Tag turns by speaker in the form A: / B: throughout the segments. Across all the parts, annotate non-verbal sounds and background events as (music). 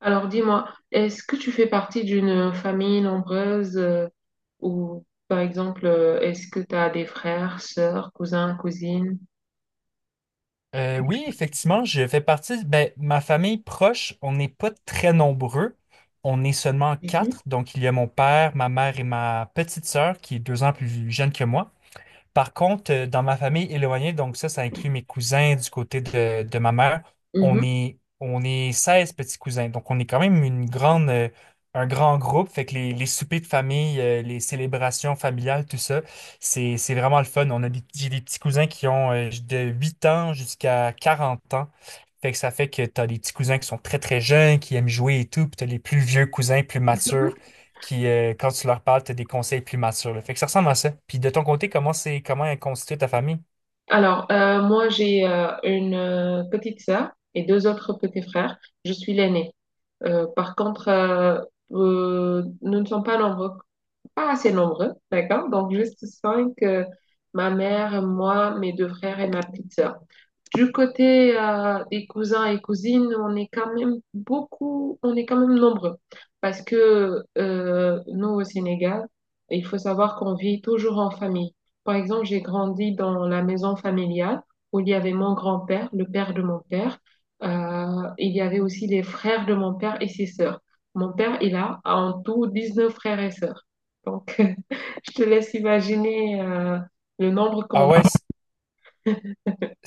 A: Alors dis-moi, est-ce que tu fais partie d'une famille nombreuse ou par exemple, est-ce que tu as des frères, sœurs, cousins, cousines?
B: Oui, effectivement, je fais partie. Ben, ma famille proche, on n'est pas très nombreux. On est seulement
A: Mhm.
B: quatre. Donc, il y a mon père, ma mère et ma petite sœur qui est 2 ans plus jeune que moi. Par contre, dans ma famille éloignée, donc ça inclut mes cousins du côté de ma mère, on
A: Mhm.
B: est, on est 16 petits cousins. Donc, on est quand même un grand groupe. Fait que les soupers de famille, les célébrations familiales, tout ça, c'est vraiment le fun. J'ai des petits cousins qui ont de 8 ans jusqu'à 40 ans. Fait que ça fait que tu as des petits cousins qui sont très, très jeunes, qui aiment jouer et tout, puis tu as les plus vieux cousins, plus matures, qui, quand tu leur parles, t'as des conseils plus matures, là. Fait que ça ressemble à ça. Puis de ton côté, comment est constituée ta famille?
A: Moi j'ai une petite sœur et deux autres petits frères. Je suis l'aînée. Euh, par contre, euh, nous ne sommes pas nombreux, pas assez nombreux, d'accord? Donc, juste cinq, ma mère, moi, mes deux frères et ma petite sœur. Du côté des cousins et cousines, on est quand même beaucoup, on est quand même nombreux. Parce que nous, au Sénégal, il faut savoir qu'on vit toujours en famille. Par exemple, j'ai grandi dans la maison familiale où il y avait mon grand-père, le père de mon père. Il y avait aussi les frères de mon père et ses sœurs. Mon père, il a en tout 19 frères et sœurs. Donc, (laughs) je te laisse imaginer le nombre
B: Ah,
A: qu'on...
B: ouais.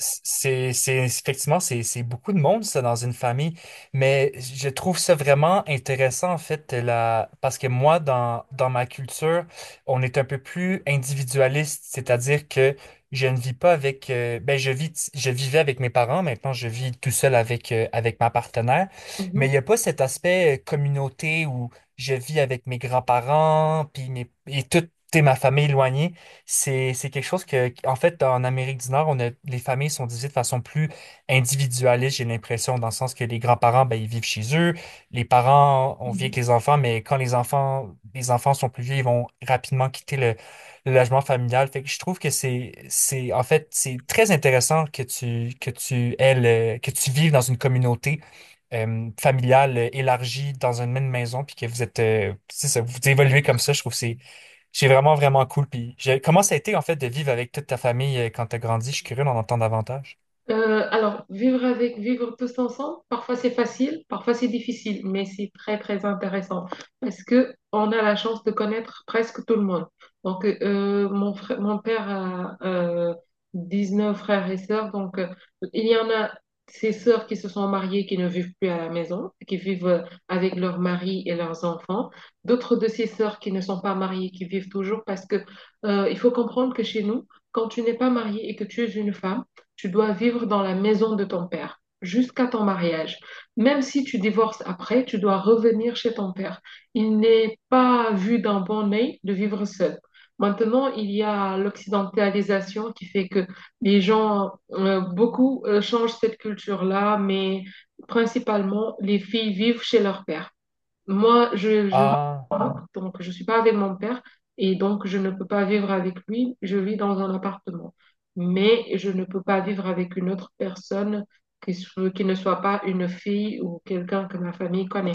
B: Effectivement, c'est beaucoup de monde, ça, dans une famille, mais je trouve ça vraiment intéressant, en fait, la, parce que moi, dans ma culture, on est un peu plus individualiste, c'est-à-dire que je ne vis pas avec, ben, je vivais avec mes parents. Maintenant, je vis tout seul avec ma partenaire, mais
A: Mhm,
B: il n'y a pas cet aspect communauté où je vis avec mes grands-parents, et toute, t'sais, ma famille éloignée. C'est quelque chose que, en fait, en Amérique du Nord, les familles sont divisées de façon plus individualiste, j'ai l'impression, dans le sens que les grands-parents, ben, ils vivent chez eux. Les parents, on vit avec
A: mhm.
B: les enfants, mais quand les enfants sont plus vieux, ils vont rapidement quitter le logement familial. Fait que je trouve que en fait, c'est très intéressant que tu vives dans une communauté familiale élargie dans une même maison, puis que vous êtes, c'est ça, vous évoluez comme ça. Je trouve que c'est vraiment, vraiment cool. Comment ça a été, en fait, de vivre avec toute ta famille quand tu as grandi? Je suis curieux d'en entendre davantage.
A: Alors, vivre avec, vivre tous ensemble, parfois c'est facile, parfois c'est difficile, mais c'est très très intéressant parce que on a la chance de connaître presque tout le monde. Donc, mon frère, mon père a neuf frères et sœurs, donc il y en a... ses sœurs qui se sont mariées, qui ne vivent plus à la maison, qui vivent avec leur mari et leurs enfants. D'autres de ses sœurs qui ne sont pas mariées, qui vivent toujours parce que il faut comprendre que chez nous, quand tu n'es pas mariée et que tu es une femme, tu dois vivre dans la maison de ton père jusqu'à ton mariage. Même si tu divorces après, tu dois revenir chez ton père. Il n'est pas vu d'un bon œil de vivre seul. Maintenant, il y a l'occidentalisation qui fait que les gens, beaucoup changent cette culture-là, mais principalement, les filles vivent chez leur père. Moi, je
B: Ah.
A: donc je suis pas avec mon père et donc je ne peux pas vivre avec lui. Je vis dans un appartement, mais je ne peux pas vivre avec une autre personne qui, qui ne soit pas une fille ou quelqu'un que ma famille connaît.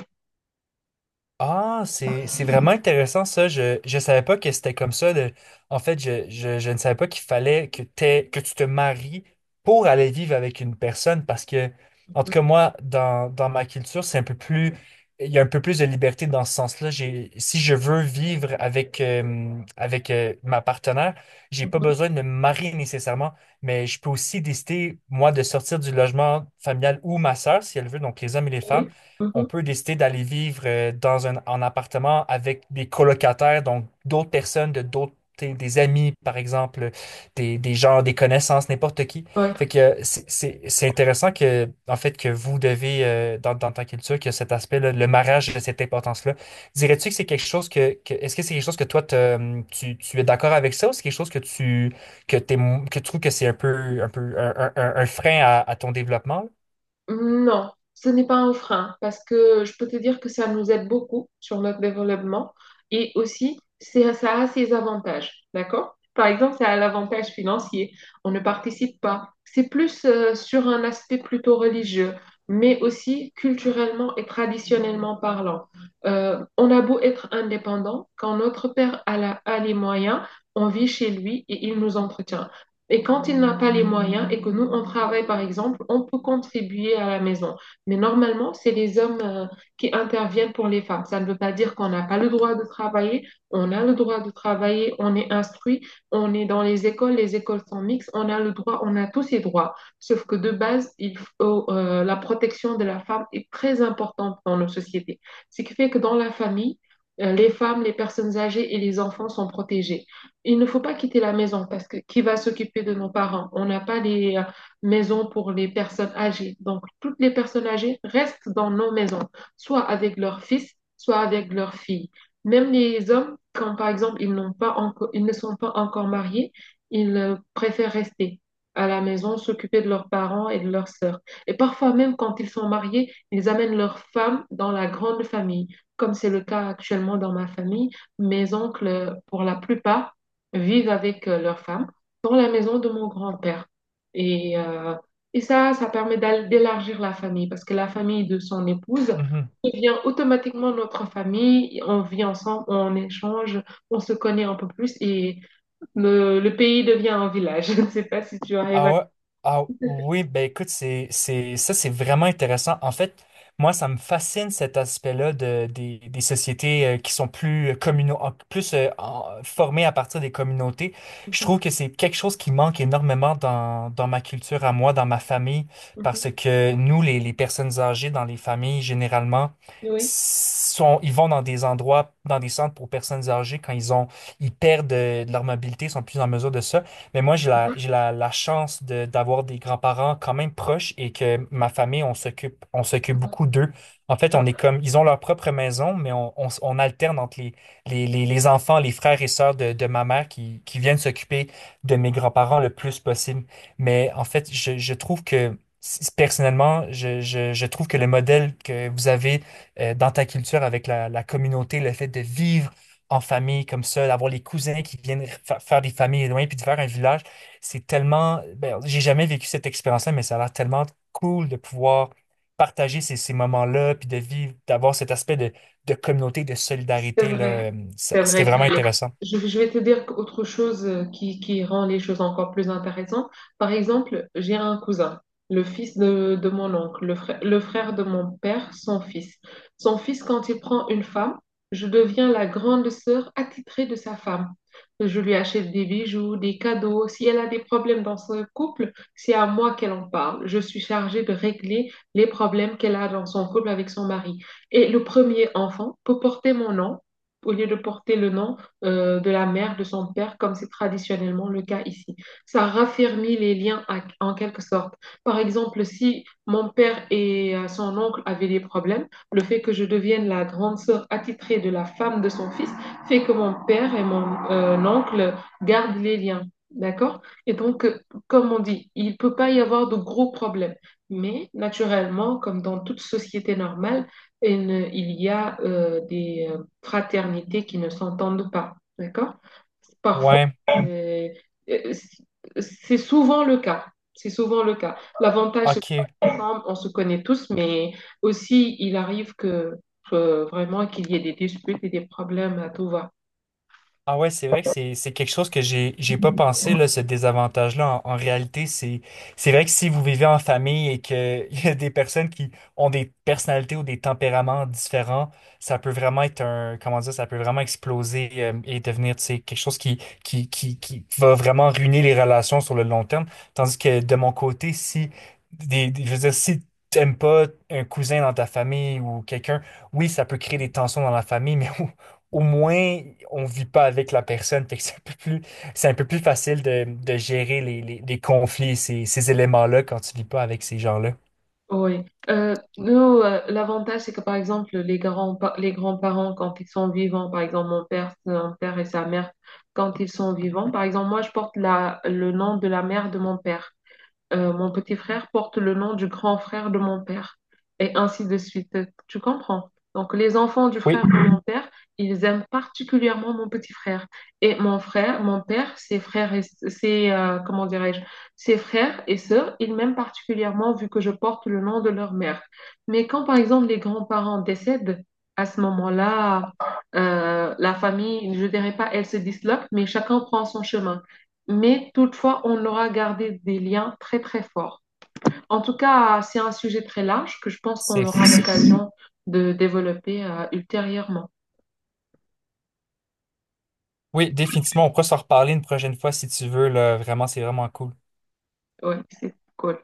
B: Ah, c'est vraiment intéressant ça. Je savais pas que c'était comme ça. En fait, je ne savais pas qu'il fallait que tu te maries pour aller vivre avec une personne, parce que en tout
A: Mhm.
B: cas moi, dans ma culture, c'est un peu plus il y a un peu plus de liberté dans ce sens-là. J'ai Si je veux vivre avec ma partenaire, j'ai pas
A: Mhm.
B: besoin de me marier nécessairement, mais je peux aussi décider moi de sortir du logement familial, ou ma sœur si elle veut. Donc les hommes et les femmes,
A: Oui.
B: on
A: Mhm.
B: peut décider d'aller vivre dans un en appartement avec des colocataires, donc d'autres personnes, de d'autres des amis, par exemple, des gens, des connaissances, n'importe qui.
A: Ouais.
B: Fait que c'est intéressant que, en fait, que vous devez, dans ta culture, que cet aspect-là, le mariage, a cette importance-là. Dirais-tu que c'est quelque chose est-ce que c'est quelque chose que tu es d'accord avec ça, ou c'est quelque chose que t'es, que tu trouves que c'est un peu, un peu, un frein à ton développement?
A: Non, ce n'est pas un frein parce que je peux te dire que ça nous aide beaucoup sur notre développement et aussi c'est, ça a ses avantages, d'accord? Par exemple, ça a l'avantage financier, on ne participe pas. C'est plus sur un aspect plutôt religieux, mais aussi culturellement et traditionnellement parlant. On a beau être indépendant, quand notre père a, a les moyens, on vit chez lui et il nous entretient. Et quand il n'a pas les moyens et que nous, on travaille, par exemple, on peut contribuer à la maison. Mais normalement, c'est les hommes qui interviennent pour les femmes. Ça ne veut pas dire qu'on n'a pas le droit de travailler. On a le droit de travailler, on est instruit, on est dans les écoles sont mixtes, on a le droit, on a tous ces droits. Sauf que de base, la protection de la femme est très importante dans nos sociétés. Ce qui fait que dans la famille, les femmes, les personnes âgées et les enfants sont protégés. Il ne faut pas quitter la maison parce que qui va s'occuper de nos parents? On n'a pas les maisons pour les personnes âgées. Donc, toutes les personnes âgées restent dans nos maisons, soit avec leurs fils, soit avec leurs filles. Même les hommes, quand par exemple ils n'ont pas encore, ils ne sont pas encore mariés, ils préfèrent rester à la maison, s'occuper de leurs parents et de leurs sœurs. Et parfois même quand ils sont mariés, ils amènent leurs femmes dans la grande famille, comme c'est le cas actuellement dans ma famille. Mes oncles, pour la plupart, vivent avec leur femme dans la maison de mon grand-père. Et, euh, et ça, ça permet d'élargir la famille parce que la famille de son épouse devient automatiquement notre famille. On vit ensemble, on échange, on se connaît un peu plus et le pays devient un village. (laughs) Je ne sais pas si tu arrives
B: Ah
A: à...
B: ouais, ah oui, ben écoute. Ça c'est vraiment intéressant. En fait, moi, ça me fascine cet aspect-là des sociétés qui sont plus communaux, plus formées à partir des communautés. Je
A: Mhm,
B: trouve que c'est quelque chose qui manque énormément dans ma culture à moi, dans ma famille,
A: mhm.
B: parce que nous, les personnes âgées dans les familles, généralement,
A: Oui.
B: ils vont dans des endroits, dans des centres pour personnes âgées quand ils perdent de leur mobilité, ils sont plus en mesure de ça. Mais moi, j'ai la chance d'avoir des grands-parents quand même proches, et que ma famille, on s'occupe beaucoup d'eux. En fait, on est comme, ils ont leur propre maison, mais on alterne entre les enfants, les frères et sœurs de ma mère qui viennent s'occuper de mes grands-parents le plus possible. Mais en fait, je trouve que, s- personnellement, je trouve que le modèle que vous avez dans ta culture avec la communauté, le fait de vivre en famille comme ça, d'avoir les cousins qui viennent faire des familles éloignées puis de faire un village, c'est tellement. Ben, j'ai jamais vécu cette expérience-là, mais ça a l'air tellement cool de pouvoir partager ces moments-là, puis de vivre, d'avoir cet aspect de communauté, de
A: C'est
B: solidarité, là.
A: vrai,
B: C'était vraiment
A: ça l'est.
B: intéressant.
A: Je vais te dire autre chose qui rend les choses encore plus intéressantes. Par exemple, j'ai un cousin, le fils de mon oncle, le frère de mon père, son fils. Son fils, quand il prend une femme, je deviens la grande sœur attitrée de sa femme. Je lui achète des bijoux, des cadeaux. Si elle a des problèmes dans son couple, c'est à moi qu'elle en parle. Je suis chargée de régler les problèmes qu'elle a dans son couple avec son mari. Et le premier enfant peut porter mon nom au lieu de porter le nom de la mère, de son père, comme c'est traditionnellement le cas ici. Ça raffermit les liens en quelque sorte. Par exemple, si mon père et son oncle avaient des problèmes, le fait que je devienne la grande sœur attitrée de la femme de son fils fait que mon père et mon oncle gardent les liens. D'accord? Comme on dit, il ne peut pas y avoir de gros problèmes. Mais naturellement, comme dans toute société normale, il y a des fraternités qui ne s'entendent pas, d'accord? Parfois,
B: Ouais,
A: euh, euh, c'est souvent le cas. C'est souvent le cas. L'avantage, c'est
B: ok.
A: qu'on on se connaît tous, mais aussi, il arrive que vraiment qu'il y ait des disputes et des problèmes à tout va.
B: Ah ouais, c'est vrai que c'est quelque chose que j'ai pas pensé là, ce désavantage-là. En réalité, c'est vrai que si vous vivez en famille et que (laughs) il y a des personnes qui ont des personnalités ou des tempéraments différents, ça peut vraiment être un comment dire, ça peut vraiment exploser, et devenir, tu sais, quelque chose qui va vraiment ruiner les relations sur le long terme. Tandis que de mon côté, si des, des- je veux dire, si t'aimes pas un cousin dans ta famille ou quelqu'un, oui, ça peut créer des tensions dans la famille, mais (laughs) au moins, on vit pas avec la personne. Fait que c'est un peu plus facile de gérer les conflits, ces éléments-là, quand tu vis pas avec ces gens-là.
A: Oui. Nous, l'avantage, c'est que par exemple, les grands-parents, quand ils sont vivants, par exemple, mon père, son père et sa mère, quand ils sont vivants, par exemple, moi, je porte le nom de la mère de mon père. Mon petit frère porte le nom du grand frère de mon père, et ainsi de suite. Tu comprends? Donc, les enfants du
B: Oui,
A: frère de mon père, ils aiment particulièrement mon petit frère. Et mon père, ses frères et comment dirais-je, ses frères et sœurs, ils m'aiment particulièrement vu que je porte le nom de leur mère. Mais quand, par exemple, les grands-parents décèdent, à ce moment-là, la famille, je dirais pas, elle se disloque, mais chacun prend son chemin, mais toutefois, on aura gardé des liens très très forts. En tout cas, c'est un sujet très large que je pense qu'on
B: c'est,
A: aura
B: c'est-
A: l'occasion de développer ultérieurement.
B: oui, définitivement. On pourra s'en reparler une prochaine fois si tu veux, là. Vraiment, c'est vraiment cool.
A: Oui, c'est cool.